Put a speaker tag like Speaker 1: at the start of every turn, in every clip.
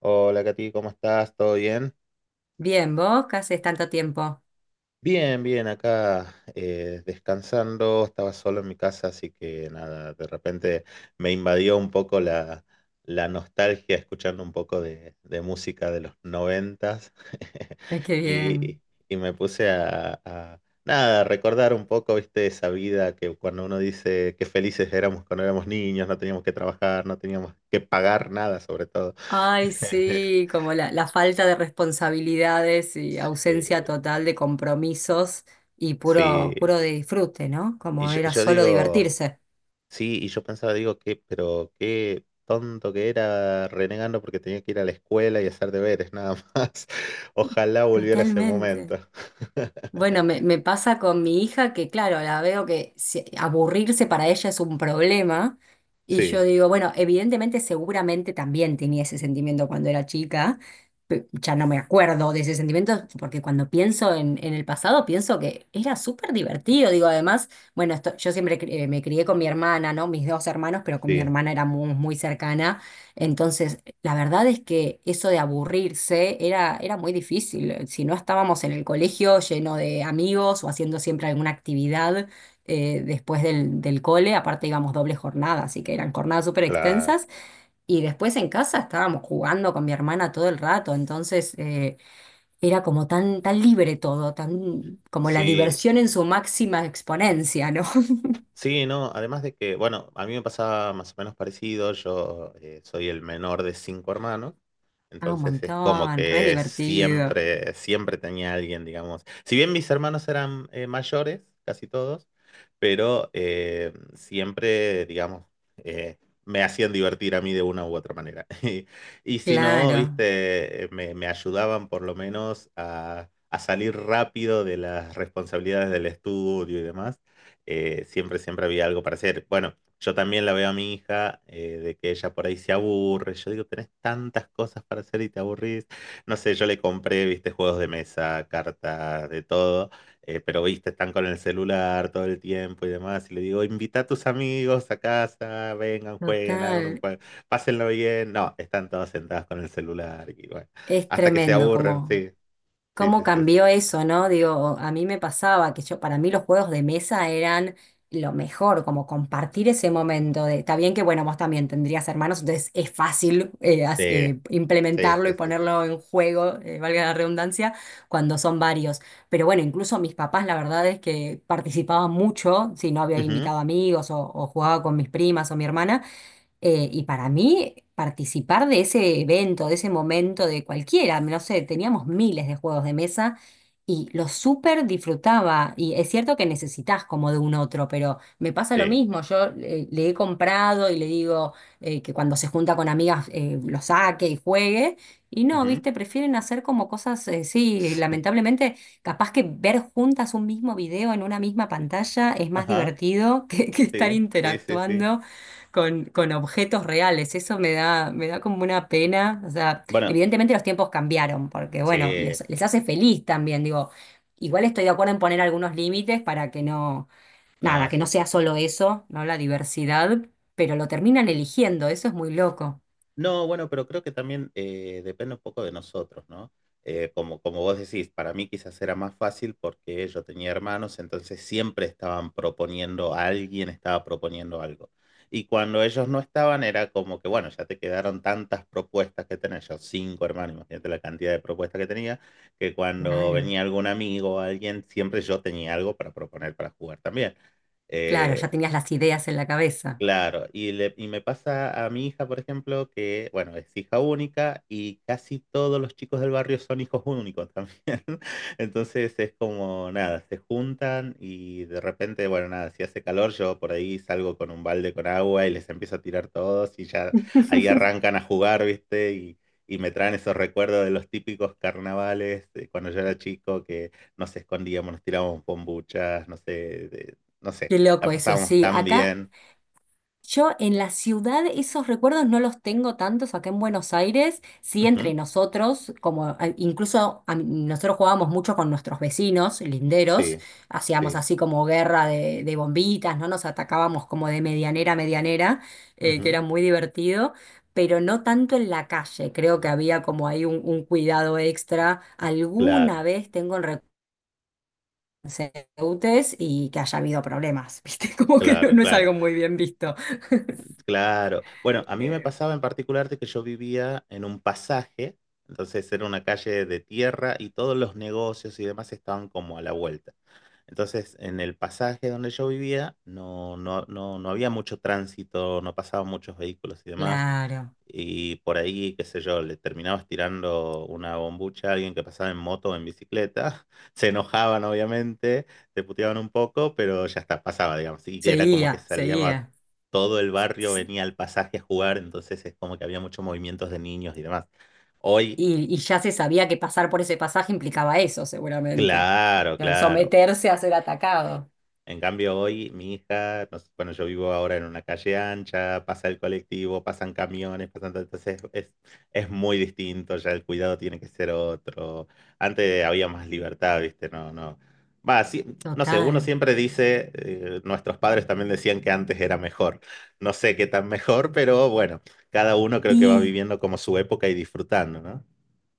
Speaker 1: Hola, Katy, ¿cómo estás? ¿Todo bien?
Speaker 2: Bien, ¿vos? ¿Qué haces tanto tiempo?
Speaker 1: Bien, bien, acá descansando, estaba solo en mi casa, así que nada, de repente me invadió un poco la nostalgia escuchando un poco de música de los noventas.
Speaker 2: Ay, qué
Speaker 1: y,
Speaker 2: bien.
Speaker 1: y me puse nada, a recordar un poco, viste, esa vida, que cuando uno dice qué felices éramos cuando éramos niños, no teníamos que trabajar, no teníamos que pagar nada, sobre todo.
Speaker 2: Ay, sí, como la falta de responsabilidades y ausencia
Speaker 1: Eh,
Speaker 2: total de compromisos y
Speaker 1: sí.
Speaker 2: puro, puro de disfrute, ¿no?
Speaker 1: Y
Speaker 2: Como
Speaker 1: yo, y
Speaker 2: era
Speaker 1: yo
Speaker 2: solo
Speaker 1: digo,
Speaker 2: divertirse.
Speaker 1: sí, y yo pensaba, digo, pero qué tonto que era renegando porque tenía que ir a la escuela y hacer deberes, nada más. Ojalá volviera ese
Speaker 2: Totalmente.
Speaker 1: momento.
Speaker 2: Bueno, me pasa con mi hija que, claro, la veo que aburrirse para ella es un problema. Y yo
Speaker 1: Sí,
Speaker 2: digo, bueno, evidentemente, seguramente también tenía ese sentimiento cuando era chica. Ya no me acuerdo de ese sentimiento, porque cuando pienso en, el pasado, pienso que era súper divertido. Digo, además, bueno, esto, yo siempre me crié con mi hermana, ¿no? Mis dos hermanos, pero con mi
Speaker 1: sí,
Speaker 2: hermana era muy, muy cercana. Entonces, la verdad es que eso de aburrirse era, muy difícil. Si no estábamos en el colegio lleno de amigos o haciendo siempre alguna actividad después del cole, aparte íbamos doble jornada, así que eran jornadas súper extensas.
Speaker 1: claro.
Speaker 2: Y después en casa estábamos jugando con mi hermana todo el rato, entonces era como tan, tan libre todo, tan como la
Speaker 1: Sí,
Speaker 2: diversión en su máxima exponencia, ¿no?
Speaker 1: sí, no, además de que, bueno, a mí me pasaba más o menos parecido. Yo soy el menor de cinco hermanos,
Speaker 2: Ah, un
Speaker 1: entonces es como
Speaker 2: montón, re
Speaker 1: que
Speaker 2: divertido.
Speaker 1: siempre, siempre tenía alguien, digamos. Si bien mis hermanos eran mayores, casi todos, pero siempre, digamos, eh, me hacían divertir a mí de una u otra manera. Y si no,
Speaker 2: Claro,
Speaker 1: viste, me ayudaban por lo menos a salir rápido de las responsabilidades del estudio y demás. Siempre, siempre había algo para hacer. Bueno, yo también la veo a mi hija, de que ella por ahí se aburre. Yo digo, tenés tantas cosas para hacer y te aburrís. No sé, yo le compré, viste, juegos de mesa, cartas, de todo, pero viste, están con el celular todo el tiempo y demás. Y le digo, invita a tus amigos a casa, vengan, jueguen, hagan un
Speaker 2: total.
Speaker 1: juego, pásenlo bien. No, están todos sentados con el celular, y bueno,
Speaker 2: Es
Speaker 1: hasta que se
Speaker 2: tremendo
Speaker 1: aburren. Sí, sí,
Speaker 2: cómo
Speaker 1: sí, sí, sí.
Speaker 2: cambió eso, ¿no? Digo, a mí me pasaba que yo, para mí los juegos de mesa eran lo mejor, como compartir ese momento de, está bien que, bueno, vos también tendrías hermanos, entonces es fácil
Speaker 1: Sí, sí,
Speaker 2: implementarlo y
Speaker 1: sí, sí, sí.
Speaker 2: ponerlo en juego, valga la redundancia, cuando son varios. Pero bueno, incluso mis papás, la verdad es que participaban mucho, si no había
Speaker 1: Ujú,
Speaker 2: invitado amigos o, jugaba con mis primas o mi hermana. Y para mí, participar de ese evento, de ese momento, de cualquiera, no sé, teníamos miles de juegos de mesa y lo súper disfrutaba. Y es cierto que necesitas como de un otro, pero me pasa lo
Speaker 1: sí.
Speaker 2: mismo. Yo le he comprado y le digo que cuando se junta con amigas lo saque y juegue. Y no,
Speaker 1: Ujú.
Speaker 2: viste, prefieren hacer como cosas, sí, lamentablemente, capaz que ver juntas un mismo video en una misma pantalla es más
Speaker 1: Ajá,
Speaker 2: divertido que estar
Speaker 1: sí, sí, sí, sí.
Speaker 2: interactuando con objetos reales. Eso me da como una pena. O sea,
Speaker 1: Bueno,
Speaker 2: evidentemente los tiempos cambiaron, porque bueno,
Speaker 1: sí,
Speaker 2: les hace feliz también. Digo, igual estoy de acuerdo en poner algunos límites para que no,
Speaker 1: no,
Speaker 2: nada, que
Speaker 1: sí,
Speaker 2: no
Speaker 1: sí,
Speaker 2: sea solo
Speaker 1: totalmente.
Speaker 2: eso, ¿no? La diversidad, pero lo terminan eligiendo, eso es muy loco.
Speaker 1: No, bueno, pero creo que también depende un poco de nosotros, ¿no? Como vos decís, para mí quizás era más fácil porque yo tenía hermanos, entonces siempre estaban proponiendo, alguien estaba proponiendo algo. Y cuando ellos no estaban, era como que, bueno, ya te quedaron tantas propuestas que tenés. Yo, cinco hermanos, imagínate la cantidad de propuestas que tenía, que cuando
Speaker 2: Claro.
Speaker 1: venía algún amigo o alguien, siempre yo tenía algo para proponer para jugar también.
Speaker 2: Claro,
Speaker 1: Eh,
Speaker 2: ya tenías las ideas en la cabeza.
Speaker 1: Claro, y me pasa a mi hija, por ejemplo, que, bueno, es hija única y casi todos los chicos del barrio son hijos únicos también. Entonces es como, nada, se juntan y de repente, bueno, nada, si hace calor, yo por ahí salgo con un balde con agua y les empiezo a tirar todos y ya ahí arrancan a jugar, ¿viste? Y me traen esos recuerdos de los típicos carnavales de cuando yo era chico, que nos escondíamos, nos tirábamos bombuchas, no sé, no sé,
Speaker 2: Qué
Speaker 1: la
Speaker 2: loco eso,
Speaker 1: pasábamos
Speaker 2: sí.
Speaker 1: tan
Speaker 2: Acá
Speaker 1: bien.
Speaker 2: Yo en la ciudad esos recuerdos no los tengo tantos acá en Buenos Aires, sí entre nosotros, como a- incluso a mí- nosotros jugábamos mucho con nuestros vecinos linderos,
Speaker 1: Sí,
Speaker 2: hacíamos
Speaker 1: sí.
Speaker 2: así como guerra de, bombitas, ¿no? Nos atacábamos como de medianera a medianera, que
Speaker 1: Ujú.
Speaker 2: era muy divertido, pero no tanto en la calle, creo que había como ahí un, cuidado extra.
Speaker 1: Claro,
Speaker 2: Alguna vez tengo el recuerdo y que haya habido problemas, ¿viste? Como que no
Speaker 1: claro,
Speaker 2: no es
Speaker 1: claro,
Speaker 2: algo muy bien visto.
Speaker 1: claro. Bueno, a mí me pasaba en particular de que yo vivía en un pasaje, entonces era una calle de tierra y todos los negocios y demás estaban como a la vuelta. Entonces, en el pasaje donde yo vivía no había mucho tránsito, no pasaban muchos vehículos y demás.
Speaker 2: Claro,
Speaker 1: Y por ahí, qué sé yo, le terminabas tirando una bombucha a alguien que pasaba en moto o en bicicleta. Se enojaban, obviamente, te puteaban un poco, pero ya está, pasaba, digamos. Y que era como que
Speaker 2: seguía,
Speaker 1: salía
Speaker 2: seguía.
Speaker 1: todo el barrio,
Speaker 2: S-
Speaker 1: venía al pasaje a jugar, entonces es como que había muchos movimientos de niños y demás. Hoy,
Speaker 2: y ya se sabía que pasar por ese pasaje implicaba eso, seguramente. O
Speaker 1: claro,
Speaker 2: sea,
Speaker 1: claro.
Speaker 2: someterse a ser atacado.
Speaker 1: En cambio, hoy mi hija, no, bueno, yo vivo ahora en una calle ancha, pasa el colectivo, pasan camiones, pasan todo, entonces es muy distinto, ya el cuidado tiene que ser otro. Antes había más libertad, ¿viste? No, no. Va, sí, no sé, uno
Speaker 2: Total.
Speaker 1: siempre dice, nuestros padres también decían que antes era mejor. No sé qué tan mejor, pero bueno, cada uno creo que va
Speaker 2: Y
Speaker 1: viviendo como su época y disfrutando, ¿no?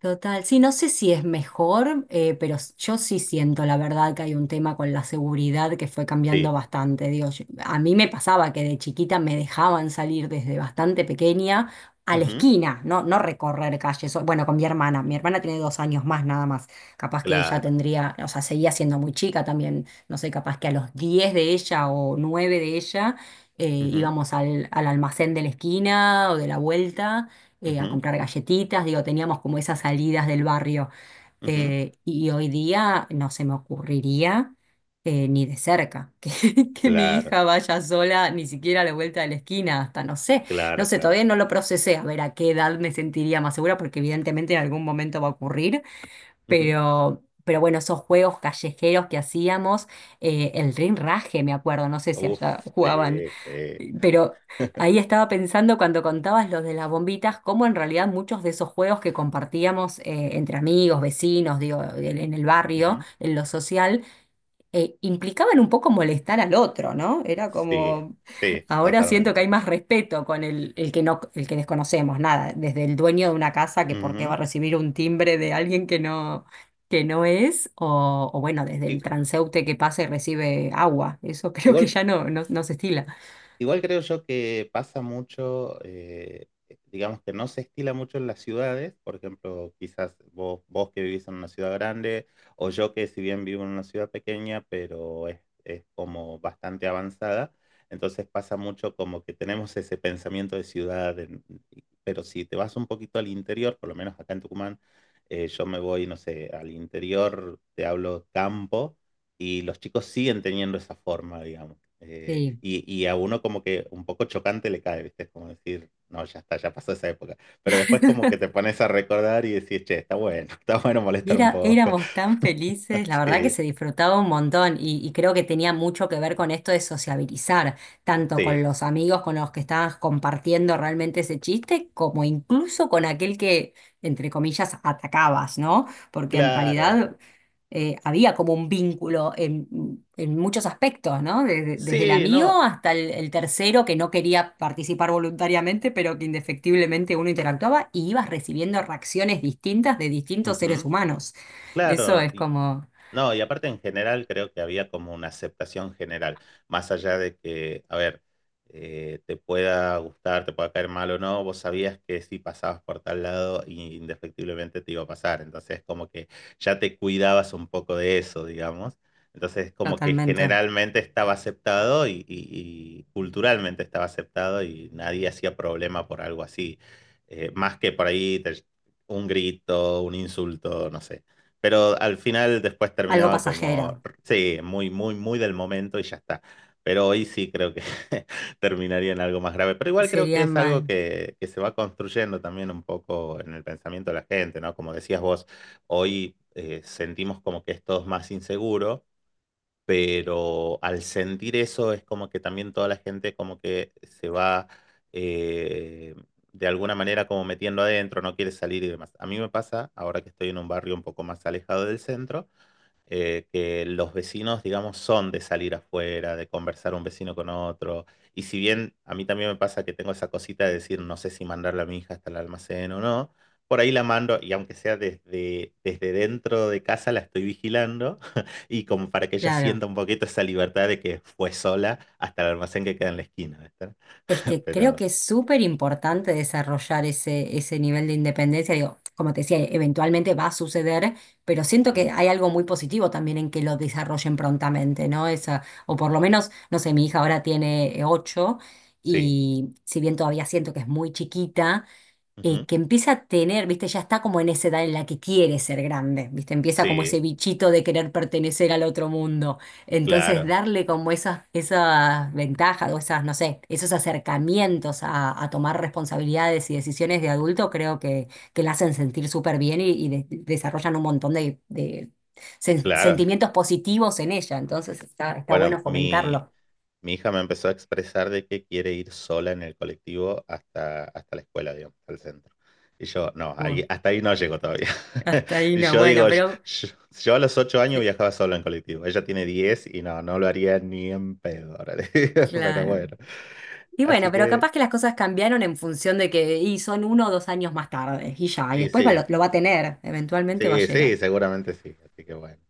Speaker 2: Total, sí, no sé si es mejor, pero yo sí siento la verdad que hay un tema con la seguridad que fue cambiando
Speaker 1: Sí.
Speaker 2: bastante. Digo, a mí me pasaba que de chiquita me dejaban salir desde bastante pequeña a la
Speaker 1: Ujú.
Speaker 2: esquina, no, no recorrer calles. Bueno, con mi hermana, tiene 2 años más nada más. Capaz que ella
Speaker 1: Claro.
Speaker 2: tendría, o sea, seguía siendo muy chica también, no sé, capaz que a los 10 de ella o 9 de ella
Speaker 1: Ujú,
Speaker 2: íbamos al, almacén de la esquina o de la vuelta a
Speaker 1: ujú,
Speaker 2: comprar galletitas, digo, teníamos como esas salidas del barrio.
Speaker 1: ujú.
Speaker 2: Y hoy día no se me ocurriría ni de cerca que mi
Speaker 1: Claro,
Speaker 2: hija vaya sola ni siquiera a la vuelta de la esquina, hasta no sé, no
Speaker 1: claro,
Speaker 2: sé,
Speaker 1: claro.
Speaker 2: todavía no lo procesé, a ver a qué edad me sentiría más segura, porque evidentemente en algún momento va a ocurrir,
Speaker 1: Ujú.
Speaker 2: Pero bueno, esos juegos callejeros que hacíamos, el rinraje, me acuerdo, no sé si allá
Speaker 1: Uf,
Speaker 2: jugaban,
Speaker 1: sí, sí.
Speaker 2: pero ahí estaba pensando cuando contabas los de las bombitas, cómo en realidad muchos de esos juegos que compartíamos entre amigos, vecinos, digo, en el barrio,
Speaker 1: Ujú.
Speaker 2: en lo social, implicaban un poco molestar al otro, ¿no? Era
Speaker 1: Sí,
Speaker 2: como,
Speaker 1: sí,
Speaker 2: ahora siento que
Speaker 1: totalmente.
Speaker 2: hay más respeto con el que no, el que desconocemos, nada, desde el dueño de una casa que por qué
Speaker 1: Ujú.
Speaker 2: va a recibir un timbre de alguien que no es, o bueno, desde
Speaker 1: I-
Speaker 2: el transeúnte que pasa y recibe agua. Eso creo que
Speaker 1: igual
Speaker 2: ya no, no, no se estila.
Speaker 1: Igual creo yo que pasa mucho, digamos que no se estila mucho en las ciudades, por ejemplo. Quizás vos, que vivís en una ciudad grande, o yo que, si bien vivo en una ciudad pequeña, pero es como bastante avanzada, entonces pasa mucho como que tenemos ese pensamiento de ciudad, pero si te vas un poquito al interior, por lo menos acá en Tucumán, yo me voy, no sé, al interior, te hablo campo, y los chicos siguen teniendo esa forma, digamos.
Speaker 2: Sí.
Speaker 1: Y a uno como que un poco chocante le cae, ¿viste? Es como decir, no, ya está, ya pasó esa época. Pero después como que te pones a recordar y decís, che, está bueno, está bueno
Speaker 2: Y
Speaker 1: molestar un poco.
Speaker 2: éramos tan felices, la verdad que
Speaker 1: Sí,
Speaker 2: se disfrutaba un montón y creo que tenía mucho que ver con esto de sociabilizar, tanto con
Speaker 1: sí,
Speaker 2: los amigos con los que estabas compartiendo realmente ese chiste, como incluso con aquel que, entre comillas, atacabas, ¿no? Porque en
Speaker 1: claro.
Speaker 2: realidad había como un vínculo en, muchos aspectos, ¿no? desde, el
Speaker 1: Sí,
Speaker 2: amigo
Speaker 1: no,
Speaker 2: hasta el tercero que no quería participar voluntariamente, pero que indefectiblemente uno interactuaba y ibas recibiendo reacciones distintas de distintos seres
Speaker 1: ujú,
Speaker 2: humanos. Eso
Speaker 1: claro.
Speaker 2: es como
Speaker 1: No, y aparte, en general, creo que había como una aceptación general, más allá de que, a ver, te pueda gustar, te pueda caer mal o no, vos sabías que si pasabas por tal lado, indefectiblemente te iba a pasar, entonces como que ya te cuidabas un poco de eso, digamos, entonces como que
Speaker 2: totalmente
Speaker 1: generalmente estaba aceptado, y culturalmente estaba aceptado y nadie hacía problema por algo así. Más que por ahí un grito, un insulto, no sé, pero al final después
Speaker 2: algo
Speaker 1: terminaba como,
Speaker 2: pasajero.
Speaker 1: sí, muy, muy, muy del momento y ya está. Pero hoy sí creo que terminaría en algo más grave. Pero igual creo que
Speaker 2: Sería
Speaker 1: es algo
Speaker 2: mal,
Speaker 1: que se va construyendo también un poco en el pensamiento de la gente, ¿no? Como decías vos, hoy sentimos como que es todo más inseguro, pero al sentir eso es como que también toda la gente como que se va, eh, de alguna manera, como metiendo adentro, no quiere salir y demás. A mí me pasa, ahora que estoy en un barrio un poco más alejado del centro, que los vecinos, digamos, son de salir afuera, de conversar un vecino con otro. Y si bien a mí también me pasa que tengo esa cosita de decir, no sé si mandarle a mi hija hasta el almacén o no, por ahí la mando, y aunque sea desde dentro de casa la estoy vigilando y como para que ella
Speaker 2: claro.
Speaker 1: sienta un poquito esa libertad de que fue sola hasta el almacén que queda en la esquina, ¿viste?
Speaker 2: Es que creo
Speaker 1: Pero
Speaker 2: que es súper importante desarrollar ese nivel de independencia. Digo, como te decía, eventualmente va a suceder, pero siento que
Speaker 1: ujú,
Speaker 2: hay algo muy positivo también en que lo desarrollen prontamente, ¿no? Esa, o por lo menos, no sé, mi hija ahora tiene 8
Speaker 1: sí,
Speaker 2: y si bien todavía siento que es muy chiquita,
Speaker 1: ujú,
Speaker 2: que empieza a tener, viste, ya está como en esa edad en la que quiere ser grande, viste, empieza como
Speaker 1: sí,
Speaker 2: ese bichito de querer pertenecer al otro mundo. Entonces,
Speaker 1: claro,
Speaker 2: darle como esas, ventajas o esas, no sé, esos acercamientos a tomar responsabilidades y decisiones de adulto, creo que, la hacen sentir súper bien y desarrollan un montón de
Speaker 1: claro.
Speaker 2: sentimientos positivos en ella. Entonces, está bueno
Speaker 1: Bueno, mi,
Speaker 2: fomentarlo.
Speaker 1: Mi hija me empezó a expresar de que quiere ir sola en el colectivo hasta, hasta la escuela, digamos, hasta el centro. Y yo, no,
Speaker 2: Uh,
Speaker 1: hasta ahí no llego todavía.
Speaker 2: Hasta ahí
Speaker 1: Y
Speaker 2: no,
Speaker 1: yo
Speaker 2: bueno,
Speaker 1: digo, yo,
Speaker 2: pero...
Speaker 1: yo- yo a los 8 años
Speaker 2: sí,
Speaker 1: viajaba solo en colectivo. Ella tiene 10 y no, no lo haría ni en pedo, ahora, le digo. Pero
Speaker 2: claro.
Speaker 1: bueno,
Speaker 2: Y bueno,
Speaker 1: así
Speaker 2: pero
Speaker 1: que,
Speaker 2: capaz que las cosas cambiaron en función de que y son 1 o 2 años más tarde, y ya, y
Speaker 1: y
Speaker 2: después va- lo,
Speaker 1: sí,
Speaker 2: lo va a tener, eventualmente va a
Speaker 1: sí, sí,
Speaker 2: llegar.
Speaker 1: seguramente sí. Así que bueno.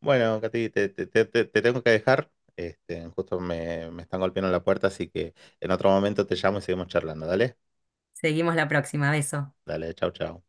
Speaker 1: Bueno, Katy, te tengo que dejar. Justo me están golpeando la puerta, así que en otro momento te llamo y seguimos charlando. Dale,
Speaker 2: Seguimos la próxima, beso.
Speaker 1: dale, chau, chau.